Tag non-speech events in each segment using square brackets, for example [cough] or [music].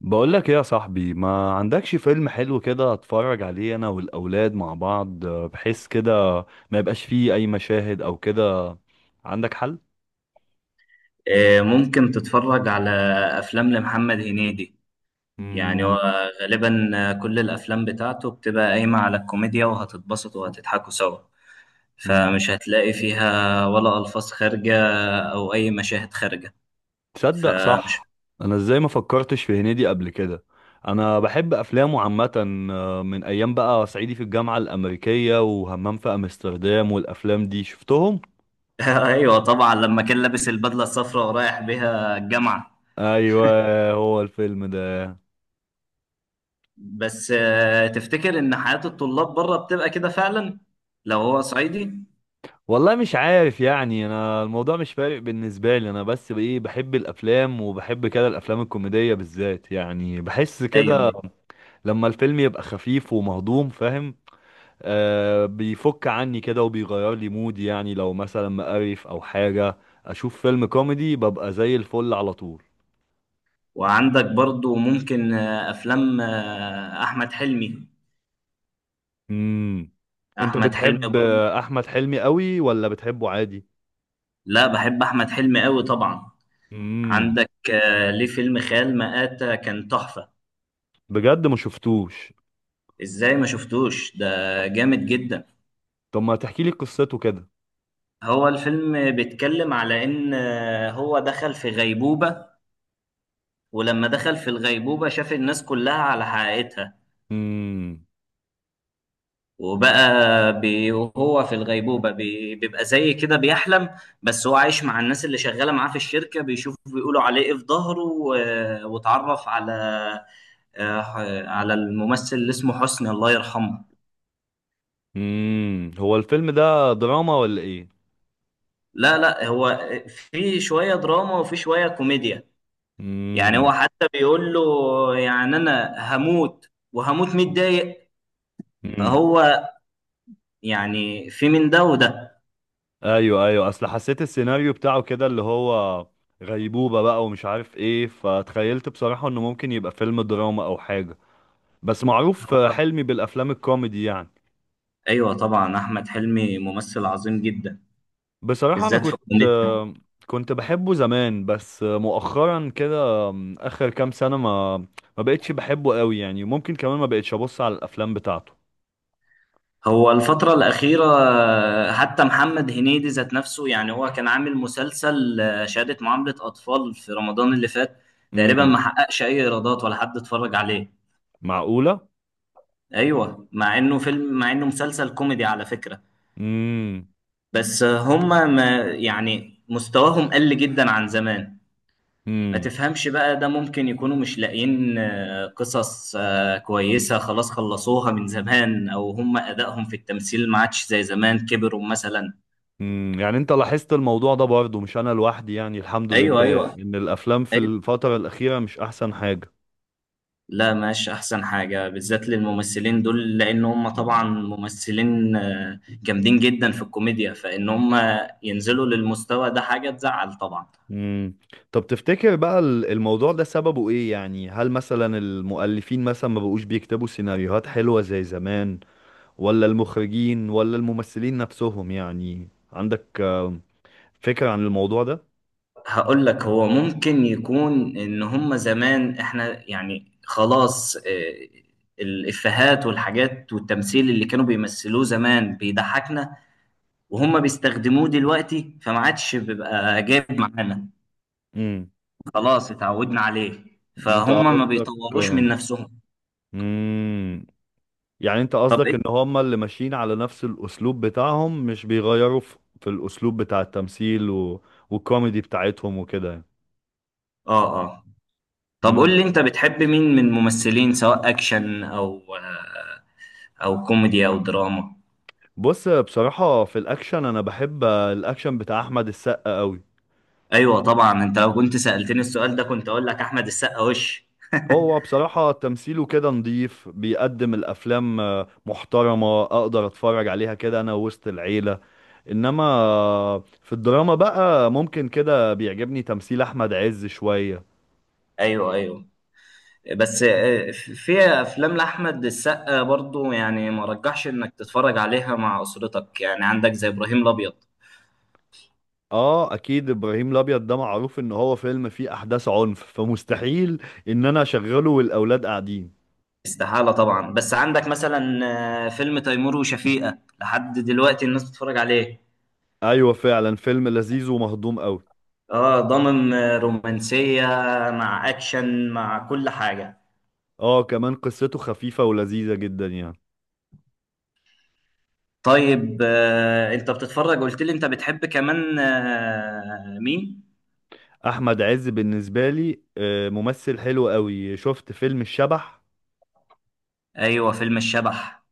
بقول لك ايه يا صاحبي؟ ما عندكش فيلم حلو كده اتفرج عليه انا والاولاد مع بعض، بحيث كده ما يبقاش فيه اي مشاهد او كده؟ عندك حل؟ ممكن تتفرج على أفلام لمحمد هنيدي. يعني مم. هو غالبا، كل الأفلام بتاعته بتبقى قايمة على الكوميديا، وهتتبسطوا وهتضحكوا سوا. مم. فمش هتلاقي فيها ولا ألفاظ خارجة أو أي مشاهد خارجة. تصدق، فمش صح. انا ازاي ما فكرتش في هنيدي قبل كده؟ انا بحب افلامه عامه. من ايام بقى صعيدي في الجامعه الامريكيه وهمام في امستردام والافلام دي شفتهم. [laughs] أيوة، طبعا لما كان لابس البدلة الصفراء ورايح بيها الجامعة. ايوه، هو الفيلم ده؟ بس، تفتكر إن حياة الطلاب بره بتبقى كده فعلا لو هو صعيدي؟ والله مش عارف، يعني انا الموضوع مش فارق بالنسبه لي انا، بس بايه بحب الافلام وبحب كده الافلام الكوميديه بالذات. يعني بحس أيوة، كده أيوة. لما الفيلم يبقى خفيف ومهضوم، فاهم؟ آه، بيفك عني كده وبيغير لي مودي، يعني لو مثلا مقرف او حاجه اشوف فيلم كوميدي ببقى زي الفل على طول. وعندك برضو ممكن أفلام أحمد حلمي. امم. انت احمد حلمي بتحب برضه. احمد حلمي قوي ولا بتحبه عادي؟ لا، بحب احمد حلمي قوي طبعا. امم. عندك ليه فيلم خيال مآتة كان تحفة. بجد ما شفتوش. ازاي ما شفتوش ده؟ جامد جدا. طب ما تحكي لي قصته كده. هو الفيلم بيتكلم على ان هو دخل في غيبوبة. ولما دخل في الغيبوبة شاف الناس كلها على حقيقتها. امم، وبقى وهو في الغيبوبة، بيبقى زي كده بيحلم. بس هو عايش مع الناس اللي شغالة معاه في الشركة، بيشوفوا بيقولوا عليه ايه في ظهره، واتعرف على آه، على الممثل اللي اسمه حسني الله يرحمه. امم، هو الفيلم ده دراما ولا ايه؟ لا، لا. هو في شوية دراما وفي شوية كوميديا. يعني هو امم، حتى بيقول له، يعني أنا هموت وهموت متضايق. امم، فهو يعني في من ده وده. ايوه، ايوه، اصل حسيت السيناريو بتاعه كده اللي هو غيبوبة بقى ومش عارف ايه، فتخيلت بصراحة انه ممكن يبقى فيلم دراما او حاجة، بس معروف هو حلمي بالافلام الكوميدي يعني. أيوة، طبعا أحمد حلمي ممثل عظيم جدا، بصراحة انا بالذات في كنت الكوميديا. كنت بحبه زمان، بس مؤخرا كده، اخر كام سنة، ما بقتش بحبه قوي. يعني ممكن كمان ما بقتش ابص على الافلام بتاعته. هو الفترة الأخيرة، حتى محمد هنيدي ذات نفسه، يعني هو كان عامل مسلسل شهادة معاملة أطفال في رمضان اللي فات، تقريبا ما امم. حققش أي إيرادات ولا حد اتفرج عليه. معقولة؟ أيوه، مع إنه مسلسل كوميدي على فكرة. امم. بس، هما ما يعني مستواهم قل جدا عن زمان. ما تفهمش بقى ده، ممكن يكونوا مش لاقيين قصص كويسة خلاص خلصوها من زمان، أو هما أدائهم في التمثيل ما عادش زي زمان، كبروا مثلا. امم. يعني انت لاحظت الموضوع ده برضه، مش انا لوحدي؟ يعني الحمد أيوه، لله أيوه، أيوة. ان الافلام في الفترة الاخيرة مش احسن حاجة. لا، مش احسن حاجه، بالذات للممثلين دول لان هم طبعا ممثلين جامدين جدا في الكوميديا، فان هم ينزلوا للمستوى ده حاجه تزعل طبعا. امم. طب تفتكر بقى الموضوع ده سببه ايه؟ يعني هل مثلا المؤلفين مثلا ما بقوش بيكتبوا سيناريوهات حلوة زي زمان؟ ولا المخرجين، ولا الممثلين نفسهم؟ يعني عندك فكرة عن الموضوع ده؟ هقول لك، هو ممكن يكون ان هم زمان احنا يعني خلاص، الافيهات والحاجات والتمثيل اللي كانوا بيمثلوه زمان بيضحكنا، وهم بيستخدموه دلوقتي فما عادش بيبقى جايب معانا. امم. خلاص اتعودنا عليه. انت فهم ما قصدك؟ بيطوروش من نفسهم. امم. يعني انت طب قصدك ان إيه؟ هما اللي ماشيين على نفس الاسلوب بتاعهم، مش بيغيروا في الاسلوب بتاع التمثيل، والكوميدي بتاعتهم وكده يعني. اه، اه. طب قول مم. لي، انت بتحب مين من الممثلين، سواء اكشن او كوميدي او دراما؟ بص بصراحة، في الاكشن انا بحب الاكشن بتاع احمد السقا قوي. ايوه، طبعا. انت لو كنت سألتني السؤال ده كنت اقول لك احمد السقا وش. هو بصراحة تمثيله كده نضيف، بيقدم الافلام محترمة، اقدر اتفرج عليها كده انا وسط العيلة. انما في الدراما بقى ممكن كده بيعجبني تمثيل احمد عز شوية. ايوه، ايوه. بس في افلام لاحمد السقا برضو، يعني ما رجحش انك تتفرج عليها مع اسرتك، يعني عندك زي ابراهيم الابيض. اه اكيد، ابراهيم الابيض ده معروف ان هو فيلم فيه احداث عنف، فمستحيل ان انا اشغله والاولاد قاعدين. استحالة طبعا. بس عندك مثلا فيلم تيمور وشفيقة لحد دلوقتي الناس بتتفرج عليه. ايوه فعلا، فيلم لذيذ ومهضوم قوي. اه، ضامن رومانسية مع اكشن مع كل حاجة. اه كمان قصته خفيفة ولذيذة جدا يعني. طيب، انت بتتفرج، قلت لي انت بتحب كمان مين؟ احمد عز بالنسبة لي ممثل حلو قوي. شفت فيلم الشبح؟ ايوه، فيلم الشبح.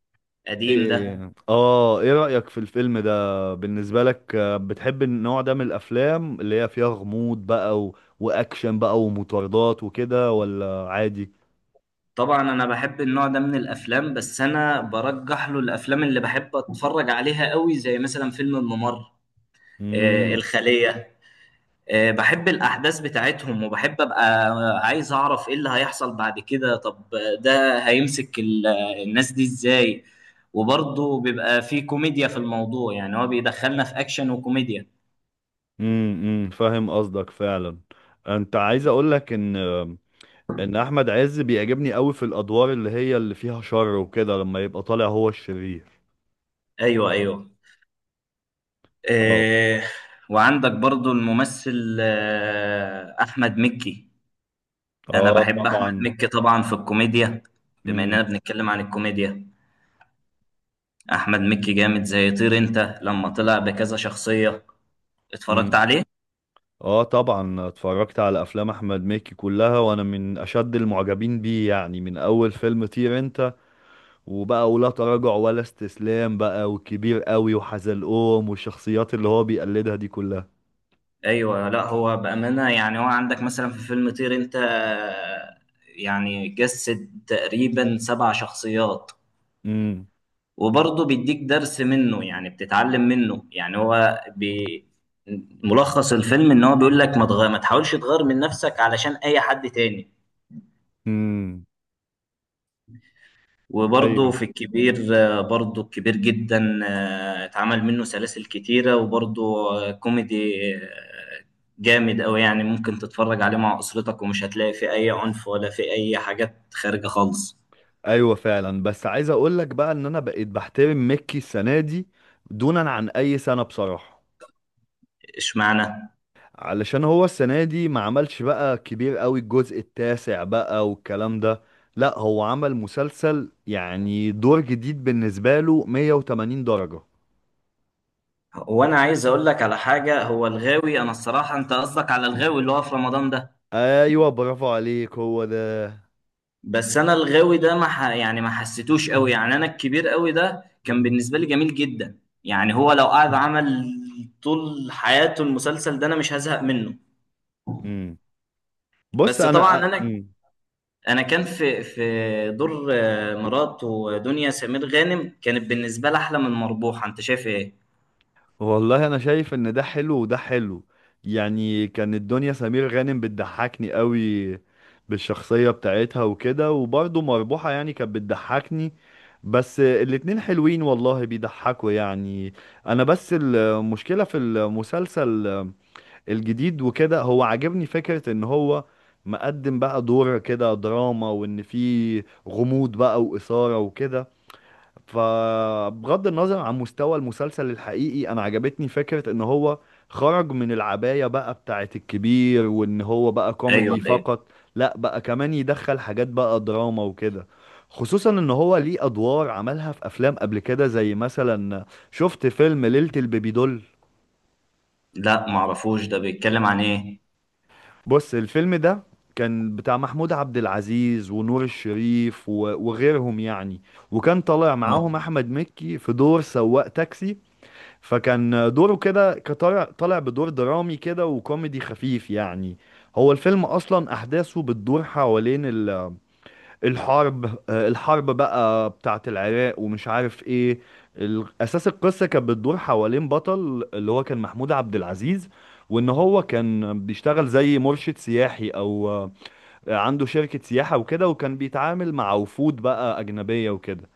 قديم ده. ايه رأيك في الفيلم ده بالنسبة لك؟ بتحب النوع ده من الافلام اللي هي فيها غموض بقى واكشن بقى ومطاردات وكده، ولا عادي؟ طبعا انا بحب النوع ده من الافلام، بس انا برجح له الافلام اللي بحب اتفرج عليها قوي زي مثلا فيلم الممر، مم. الخلية. بحب الأحداث بتاعتهم، وبحب أبقى عايز أعرف إيه اللي هيحصل بعد كده. طب ده هيمسك الناس دي إزاي؟ وبرضه بيبقى فيه كوميديا في الموضوع، يعني هو بيدخلنا في أكشن وكوميديا. امم. امم. فاهم قصدك فعلا. انت عايز اقول لك ان احمد عز بيعجبني قوي في الادوار اللي هي اللي فيها شر وكده لما يبقى طالع هو الشرير. أيوه، أيوه. اه، آه، وعندك برضه الممثل أحمد مكي. أنا اه، بحب أحمد طبعا. مكي طبعا في الكوميديا. بما إننا امم. بنتكلم عن الكوميديا، أحمد مكي جامد زي طير أنت، لما طلع بكذا شخصية اتفرجت امم. عليه. اه طبعا، اتفرجت على افلام احمد مكي كلها وانا من اشد المعجبين بيه، يعني من اول فيلم طير انت وبقى ولا تراجع ولا استسلام بقى وكبير قوي وحزلقوم والشخصيات اللي هو بيقلدها دي كلها. ايوه، لا هو بامانه يعني هو عندك مثلا في فيلم طير انت، يعني جسد تقريبا سبع شخصيات. امم. وبرضه بيديك درس منه، يعني بتتعلم منه. يعني هو ملخص الفيلم ان هو بيقول لك ما تحاولش تغير من نفسك علشان اي حد تاني. امم. وبرضه أيوه. في الكبير، برضه الكبير جدا، اتعمل منه سلاسل كتيرة. وبرضه كوميدي آه، جامد أوي، يعني ممكن تتفرج عليه مع أسرتك ومش هتلاقي فيه أي عنف ولا فيه أي حاجات خارجة خالص. ايوه فعلا، بس عايز اقول لك بقى ان انا بقيت بحترم ميكي السنه دي دونا عن اي سنه بصراحه. اشمعنى؟ علشان هو السنه دي ما عملش بقى كبير قوي الجزء التاسع بقى والكلام ده. لا هو عمل مسلسل يعني دور جديد بالنسبه له 180 درجه. وأنا عايز أقول لك على حاجة. هو الغاوي، أنا الصراحة أنت قصدك على الغاوي اللي هو في رمضان ده. ايوه برافو عليك، هو ده. بس انا الغاوي ده ما ح... يعني ما حسيتوش قوي، يعني انا الكبير قوي ده كان بالنسبه لي جميل جدا. يعني هو لو قعد عمل طول حياته المسلسل ده انا مش هزهق منه. امم. بص بس طبعا انا، انا، امم، انا كان في دور مراته دنيا سمير غانم كانت بالنسبه لي احلى من مربوحه. انت شايف ايه؟ والله انا شايف ان ده حلو وده حلو. يعني كان الدنيا سمير غانم بتضحكني قوي بالشخصية بتاعتها وكده، وبرضه مربوحة يعني كانت بتضحكني. بس الاتنين حلوين والله، بيضحكوا يعني. انا بس المشكلة في المسلسل الجديد وكده، هو عاجبني فكرة ان هو مقدم بقى دور كده دراما، وان فيه غموض بقى وإثارة وكده. فبغض النظر عن مستوى المسلسل الحقيقي انا عجبتني فكرة ان هو خرج من العباية بقى بتاعت الكبير، وان هو بقى ايوه، كوميدي ايوه. فقط، لا بقى كمان يدخل حاجات بقى دراما وكده. خصوصا ان هو ليه ادوار عملها في افلام قبل كده، زي مثلا، شفت فيلم ليلة البيبي دول؟ لا، ما اعرفوش. ده بيتكلم عن ايه؟ بص الفيلم ده كان بتاع محمود عبد العزيز ونور الشريف وغيرهم يعني. وكان طالع آه، معاهم احمد مكي في دور سواق تاكسي. فكان دوره كده، كطالع طالع بدور درامي كده وكوميدي خفيف يعني. هو الفيلم اصلا احداثه بتدور حوالين الحرب، الحرب بقى بتاعه العراق ومش عارف ايه. اساس القصه كانت بتدور حوالين بطل اللي هو كان محمود عبد العزيز، وان هو كان بيشتغل زي مرشد سياحي او، عنده شركه سياحه وكده، وكان بيتعامل مع وفود بقى اجنبيه وكده.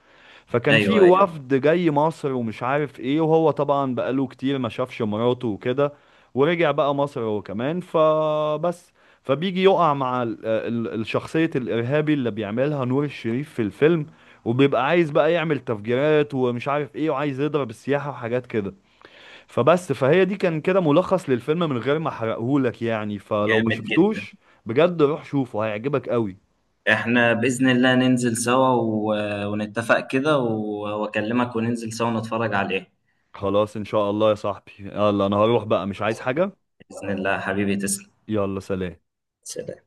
فكان في ايوه، ايوه. وفد جاي مصر ومش عارف ايه، وهو طبعا بقاله كتير ما شافش مراته وكده، ورجع بقى مصر هو كمان، فبس فبيجي يقع مع الشخصية الإرهابي اللي بيعملها نور الشريف في الفيلم. وبيبقى عايز بقى يعمل تفجيرات ومش عارف ايه، وعايز يضرب السياحة وحاجات كده. فبس، فهي دي كان كده ملخص للفيلم من غير ما احرقهولك، يعني فلو ما جامد جدا. شفتوش، بجد روح شوفه هيعجبك قوي. احنا بإذن الله ننزل سوا ونتفق كده واكلمك وننزل سوا نتفرج عليه. خلاص ان شاء الله يا صاحبي، يلا انا هروح بقى، مش عايز حاجة. بإذن الله حبيبي، تسلم. يلا سلام. سلام.